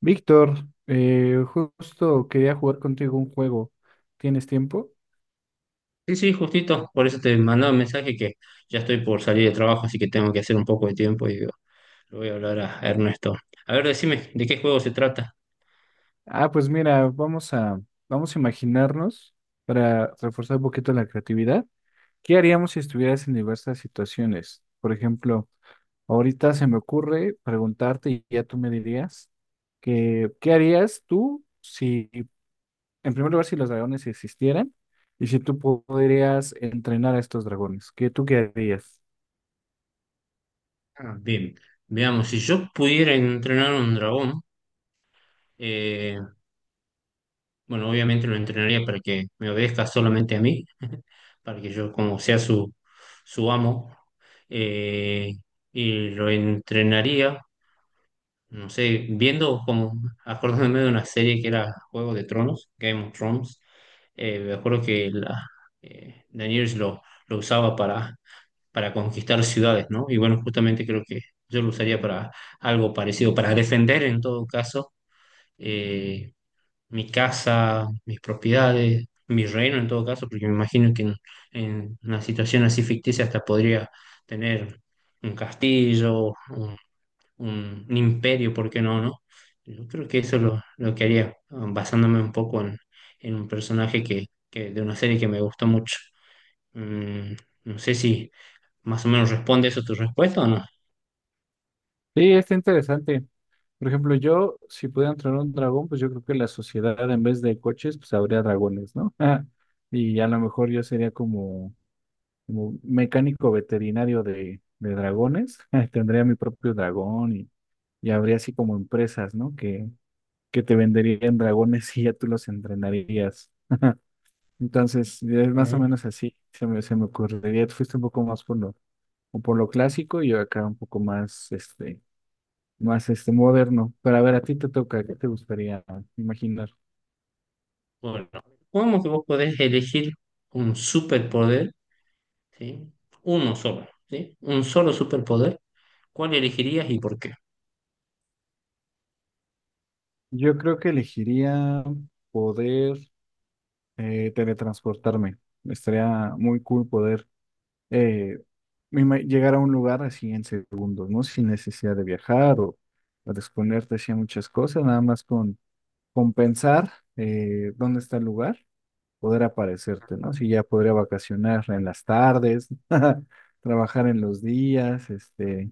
Víctor, justo quería jugar contigo un juego. ¿Tienes tiempo? Sí, sí, justito, por eso te mandaba un mensaje que ya estoy por salir de trabajo, así que tengo que hacer un poco de tiempo y digo, le voy a hablar a Ernesto. A ver, decime, ¿de qué juego se trata? Ah, pues mira, vamos a imaginarnos para reforzar un poquito la creatividad. ¿Qué haríamos si estuvieras en diversas situaciones? Por ejemplo, ahorita se me ocurre preguntarte y ya tú me dirías que, ¿qué harías tú si, en primer lugar, si los dragones existieran y si tú podrías entrenar a estos dragones? ¿Qué tú qué harías? Ah, bien, veamos, si yo pudiera entrenar un dragón, eh, bueno, obviamente lo entrenaría para que me obedezca solamente a mí, para que yo como sea su amo, eh, y lo entrenaría, no sé, acordándome de una serie que era Juego de Tronos, Game of Thrones. Me acuerdo que Daenerys lo usaba para conquistar ciudades, ¿no? Y bueno, justamente creo que yo lo usaría para algo parecido, para defender en todo caso eh, mi casa, mis propiedades, mi reino en todo caso, porque me imagino que en una situación así ficticia hasta podría tener un castillo, un imperio, ¿por qué no? Yo creo que eso es lo que haría, ah, basándome un poco en un personaje de una serie que me gustó mucho. Mm, no sé si más o menos responde eso tu respuesta o no. Sí, está interesante. Por ejemplo, yo, si pudiera entrenar un dragón, pues yo creo que la sociedad en vez de coches, pues habría dragones, ¿no? Y a lo mejor yo sería como, como mecánico veterinario de dragones. Tendría mi propio dragón y habría así como empresas, ¿no? Que te venderían dragones y ya tú los entrenarías. Entonces, es más o Eh, menos así, se me ocurriría. Tú fuiste un poco más por lo, o por lo clásico y yo acá un poco más, más moderno. Pero a ver, a ti te toca, ¿qué te gustaría imaginar? bueno, supongamos que vos podés elegir un superpoder, ¿sí? Uno solo, ¿sí? Un solo superpoder. ¿Cuál elegirías y por qué? Yo creo que elegiría poder teletransportarme. Estaría muy cool poder eh, llegar a un lugar así en segundos, ¿no? Sin necesidad de viajar o de exponerte así a muchas cosas, nada más con pensar dónde está el lugar, poder aparecerte, ¿no? Si ya podría vacacionar en las tardes, trabajar en los días,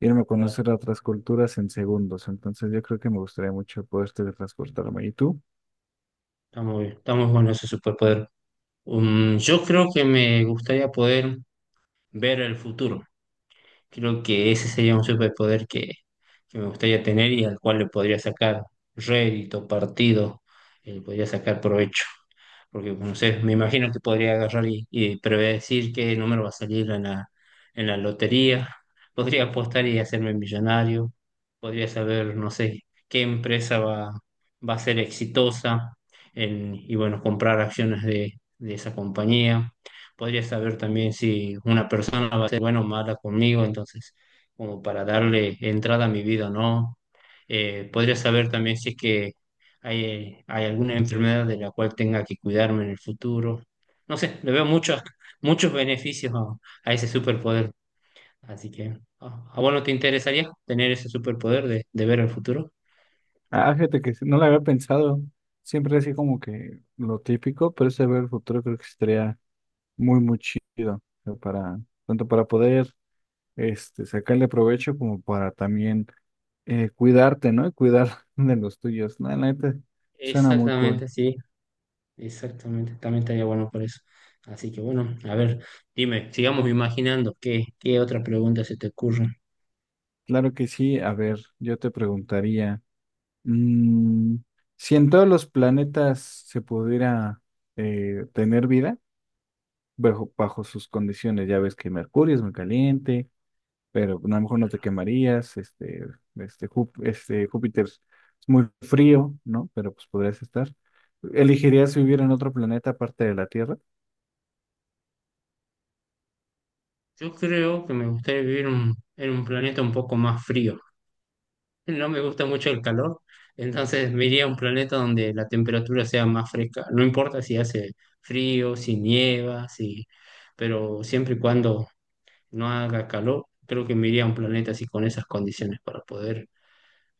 Irme a Claro. conocer a otras culturas en segundos. Entonces yo creo que me gustaría mucho poder teletransportarme. ¿Y tú? Está muy bien, está muy bueno ese superpoder. Yo creo que me gustaría poder ver el futuro. Creo que ese sería un superpoder que me gustaría tener y al cual le podría sacar rédito, partido, y le podría sacar provecho porque no sé, me imagino que podría agarrar y predecir qué número va a salir en en la lotería, podría apostar y hacerme millonario, podría saber, no sé, qué empresa va a ser exitosa y bueno, comprar acciones de esa compañía, podría saber también si una persona va a ser buena o mala conmigo, entonces, como para darle entrada a mi vida o no. Podría saber también si es que, ¿hay, hay alguna enfermedad de la cual tenga que cuidarme en el futuro? No sé, le veo muchos, muchos beneficios a ese superpoder. Así que, a vos no te interesaría tener ese superpoder de ver el futuro? Ah, fíjate que sí, no lo había pensado. Siempre así como que lo típico, pero ese ver el futuro creo que estaría muy, muy chido. O sea, para, tanto para poder sacarle provecho como para también cuidarte, ¿no? Y cuidar de los tuyos. No, la neta, suena muy cool. Exactamente, sí, exactamente. También estaría bueno por eso. Así que bueno, a ver, dime, sigamos imaginando qué, qué otra pregunta se te ocurre. Claro que sí. A ver, yo te preguntaría. Mm, si en todos los planetas se pudiera tener vida, bajo sus condiciones, ya ves que Mercurio es muy caliente, pero a lo mejor no te quemarías, este Júpiter es muy frío, ¿no? Pero pues podrías estar. ¿Elegirías vivir en otro planeta aparte de la Tierra? Yo creo que me gustaría vivir en un planeta un poco más frío. No me gusta mucho el calor, entonces me iría a un planeta donde la temperatura sea más fresca. No importa si hace frío, si nieva, si... pero siempre y cuando no haga calor, creo que me iría a un planeta así con esas condiciones para poder...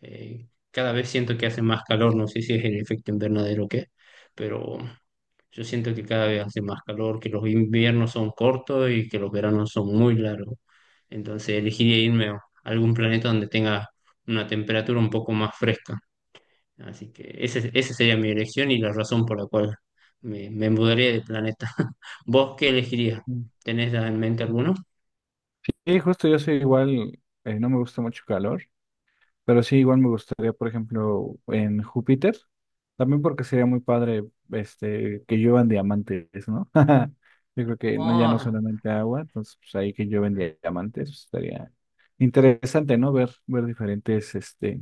cada vez siento que hace más calor, no sé si es el efecto invernadero o qué, pero yo siento que cada vez hace más calor, que los inviernos son cortos y que los veranos son muy largos. Entonces elegiría irme a algún planeta donde tenga una temperatura un poco más fresca. Así que esa sería mi elección y la razón por la cual me mudaría de planeta. ¿Vos qué elegirías? Mm. ¿Tenés en mente alguno? Y justo yo soy igual, no me gusta mucho calor, pero sí, igual me gustaría, por ejemplo, en Júpiter, también porque sería muy padre que lluevan diamantes, ¿no? Yo creo que no, ya no Ah, solamente agua, entonces pues, ahí que llueven diamantes, pues, estaría interesante, ¿no? Ver, ver diferentes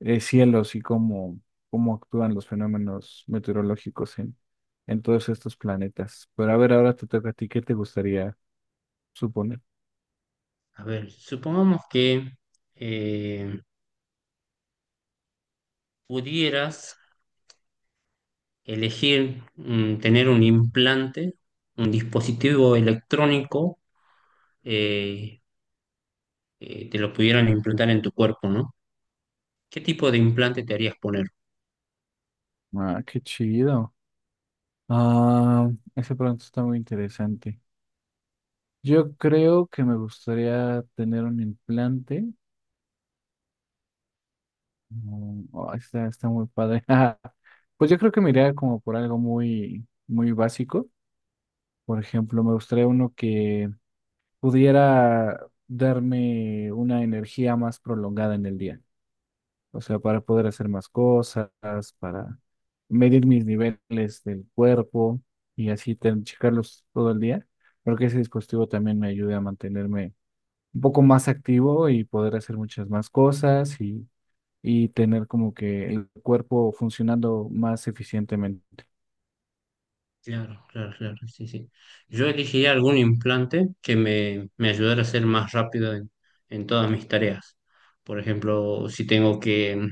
cielos y cómo, cómo actúan los fenómenos meteorológicos en todos estos planetas. Pero a ver, ahora te toca a ti, ¿qué te gustaría suponer? a ver, supongamos que eh, pudieras elegir tener un implante, un dispositivo electrónico eh, te lo pudieran implantar en tu cuerpo, ¿no? ¿Qué tipo de implante te harías poner? Ah, qué chido. Ah, ese pronto está muy interesante. Yo creo que me gustaría tener un implante. Oh, está, está muy padre. Pues yo creo que me iría como por algo muy, muy básico. Por ejemplo, me gustaría uno que pudiera darme una energía más prolongada en el día. O sea, para poder hacer más cosas, para medir mis niveles del cuerpo y así checarlos todo el día. Creo que ese dispositivo también me ayude a mantenerme un poco más activo y poder hacer muchas más cosas y tener como que el cuerpo funcionando más eficientemente. Claro, claro, claro, sí, sí. Yo elegiría algún implante que me ayudara a ser más rápido en todas mis tareas. Por ejemplo, si tengo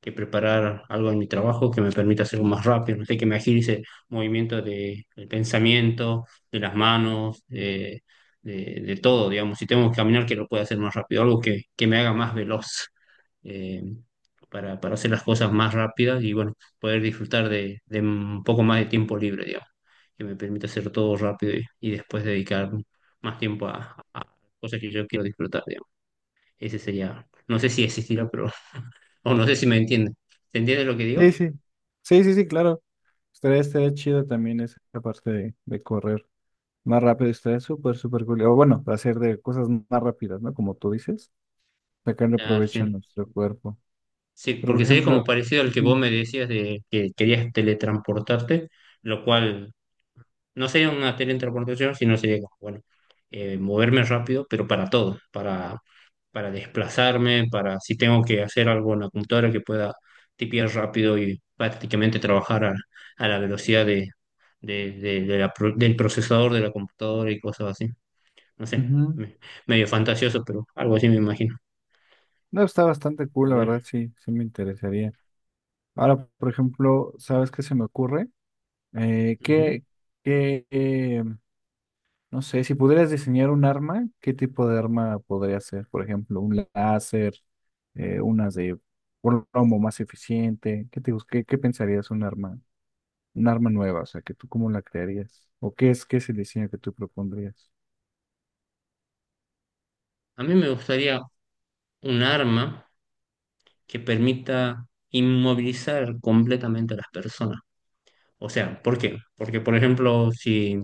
que preparar algo en mi trabajo que me permita hacerlo más rápido, no sé, que me agilice movimientos de, del pensamiento, de las manos, de todo, digamos. Si tengo que caminar, que lo pueda hacer más rápido, algo que me haga más veloz. eh, para hacer las cosas más rápidas y bueno, poder disfrutar de un poco más de tiempo libre, digamos, que me permite hacer todo rápido y después dedicar más tiempo a cosas que yo quiero disfrutar, digamos. Ese sería, no sé si existirá, pero, o no sé si me entiende. ¿Se entiende lo que Sí, digo? sí. Sí, sí, sí, claro. Estaría, estaría chido también esa parte de correr más rápido. Estaría súper, súper cool. O bueno, hacer de cosas más rápidas, ¿no? Como tú dices, sacarle Ah, provecho a sí, nuestro cuerpo. sí, Pero, porque por sería como ejemplo, parecido al que ujú, vos me decías de que querías teletransportarte, lo cual no sería una teletransportación, sino sería como, bueno, moverme rápido, pero para todo, para desplazarme, para si tengo que hacer algo en la computadora que pueda tipear rápido y prácticamente trabajar a la velocidad de la del procesador de la computadora y cosas así. No sé, ujú. me- medio fantasioso, pero algo así me imagino. No, está bastante cool, A la verdad, ver, sí, sí me interesaría. Ahora, por ejemplo, ¿sabes qué se me ocurre? Eh, ujú. ¿qué, qué, eh, no sé, si pudieras diseñar un arma, ¿qué tipo de arma podría ser? Por ejemplo, un láser, unas de plomo más eficiente. ¿Qué te, qué, qué pensarías un arma nueva? O sea, ¿que tú cómo la crearías? ¿O qué es el diseño que tú propondrías? A mí me gustaría un arma que permita inmovilizar completamente a las personas. O sea, ¿por qué? Porque, por ejemplo, si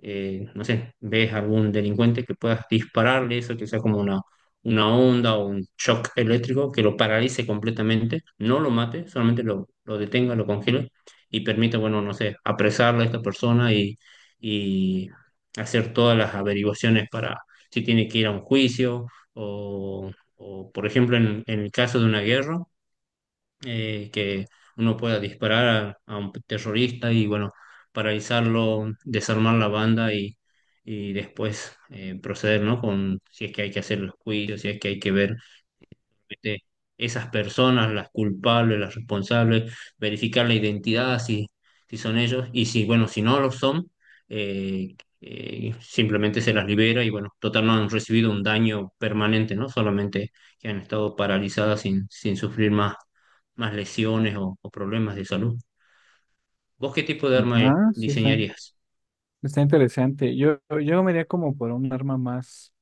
no sé, ves algún delincuente que puedas dispararle eso, que sea como una onda o un shock eléctrico que lo paralice completamente, no lo mate, solamente lo detenga, lo congele y permita, bueno, no sé, apresarle a esta persona y hacer todas las averiguaciones para si tiene que ir a un juicio o, o, por ejemplo, en el caso de una guerra que uno pueda disparar a un terrorista y bueno, paralizarlo, desarmar la banda y después proceder, ¿no? Con si es que hay que hacer los juicios, si es que hay que ver este, esas personas, las culpables, las responsables, verificar la identidad si, si son ellos y si, bueno, si no lo son, eh, simplemente se las libera y, bueno, total no han recibido un daño permanente, ¿no? Solamente que han estado paralizadas sin, sin sufrir más, más lesiones o problemas de salud. ¿Vos qué tipo de arma Ah, sí está, diseñarías? está interesante. Yo me iría como por un arma más,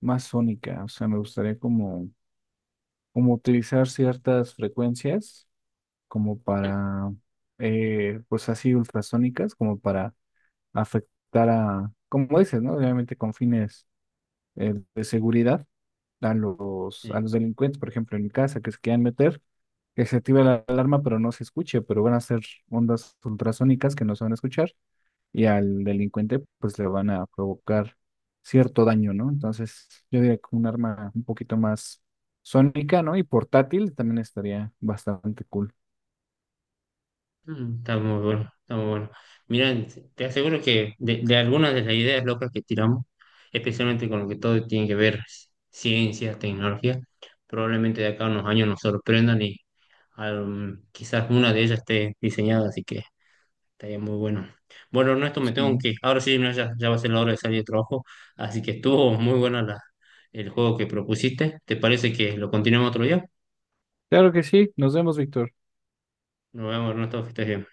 más sónica. O sea, me gustaría como, como utilizar ciertas frecuencias, como Ujú. para, pues así ultrasónicas, como para afectar a, como dices, ¿no? Obviamente con fines de seguridad a Sí. los delincuentes, por ejemplo, en mi casa, que se quieran meter, que se active la alarma, pero no se escuche, pero van a ser ondas ultrasónicas que no se van a escuchar y al delincuente, pues le van a provocar cierto daño, ¿no? Entonces, yo diría que un arma un poquito más sónica, ¿no? Y portátil también estaría bastante cool. Mm, está muy bueno, está muy bueno. Mira, te aseguro que de algunas de las ideas locas que tiramos, especialmente con lo que todo tiene que ver ciencia, tecnología, probablemente de acá a unos años nos sorprendan y quizás una de ellas esté diseñada, así que estaría muy bueno. Bueno, Ernesto, me tengo Sí. que ir. Ahora sí, no, ya, ya va a ser la hora de salir de trabajo, así que estuvo muy buena el juego que propusiste. ¿Te parece que lo continuemos otro día? Claro que sí. Nos vemos, Víctor. Nos vemos, Ernesto, que estés bien.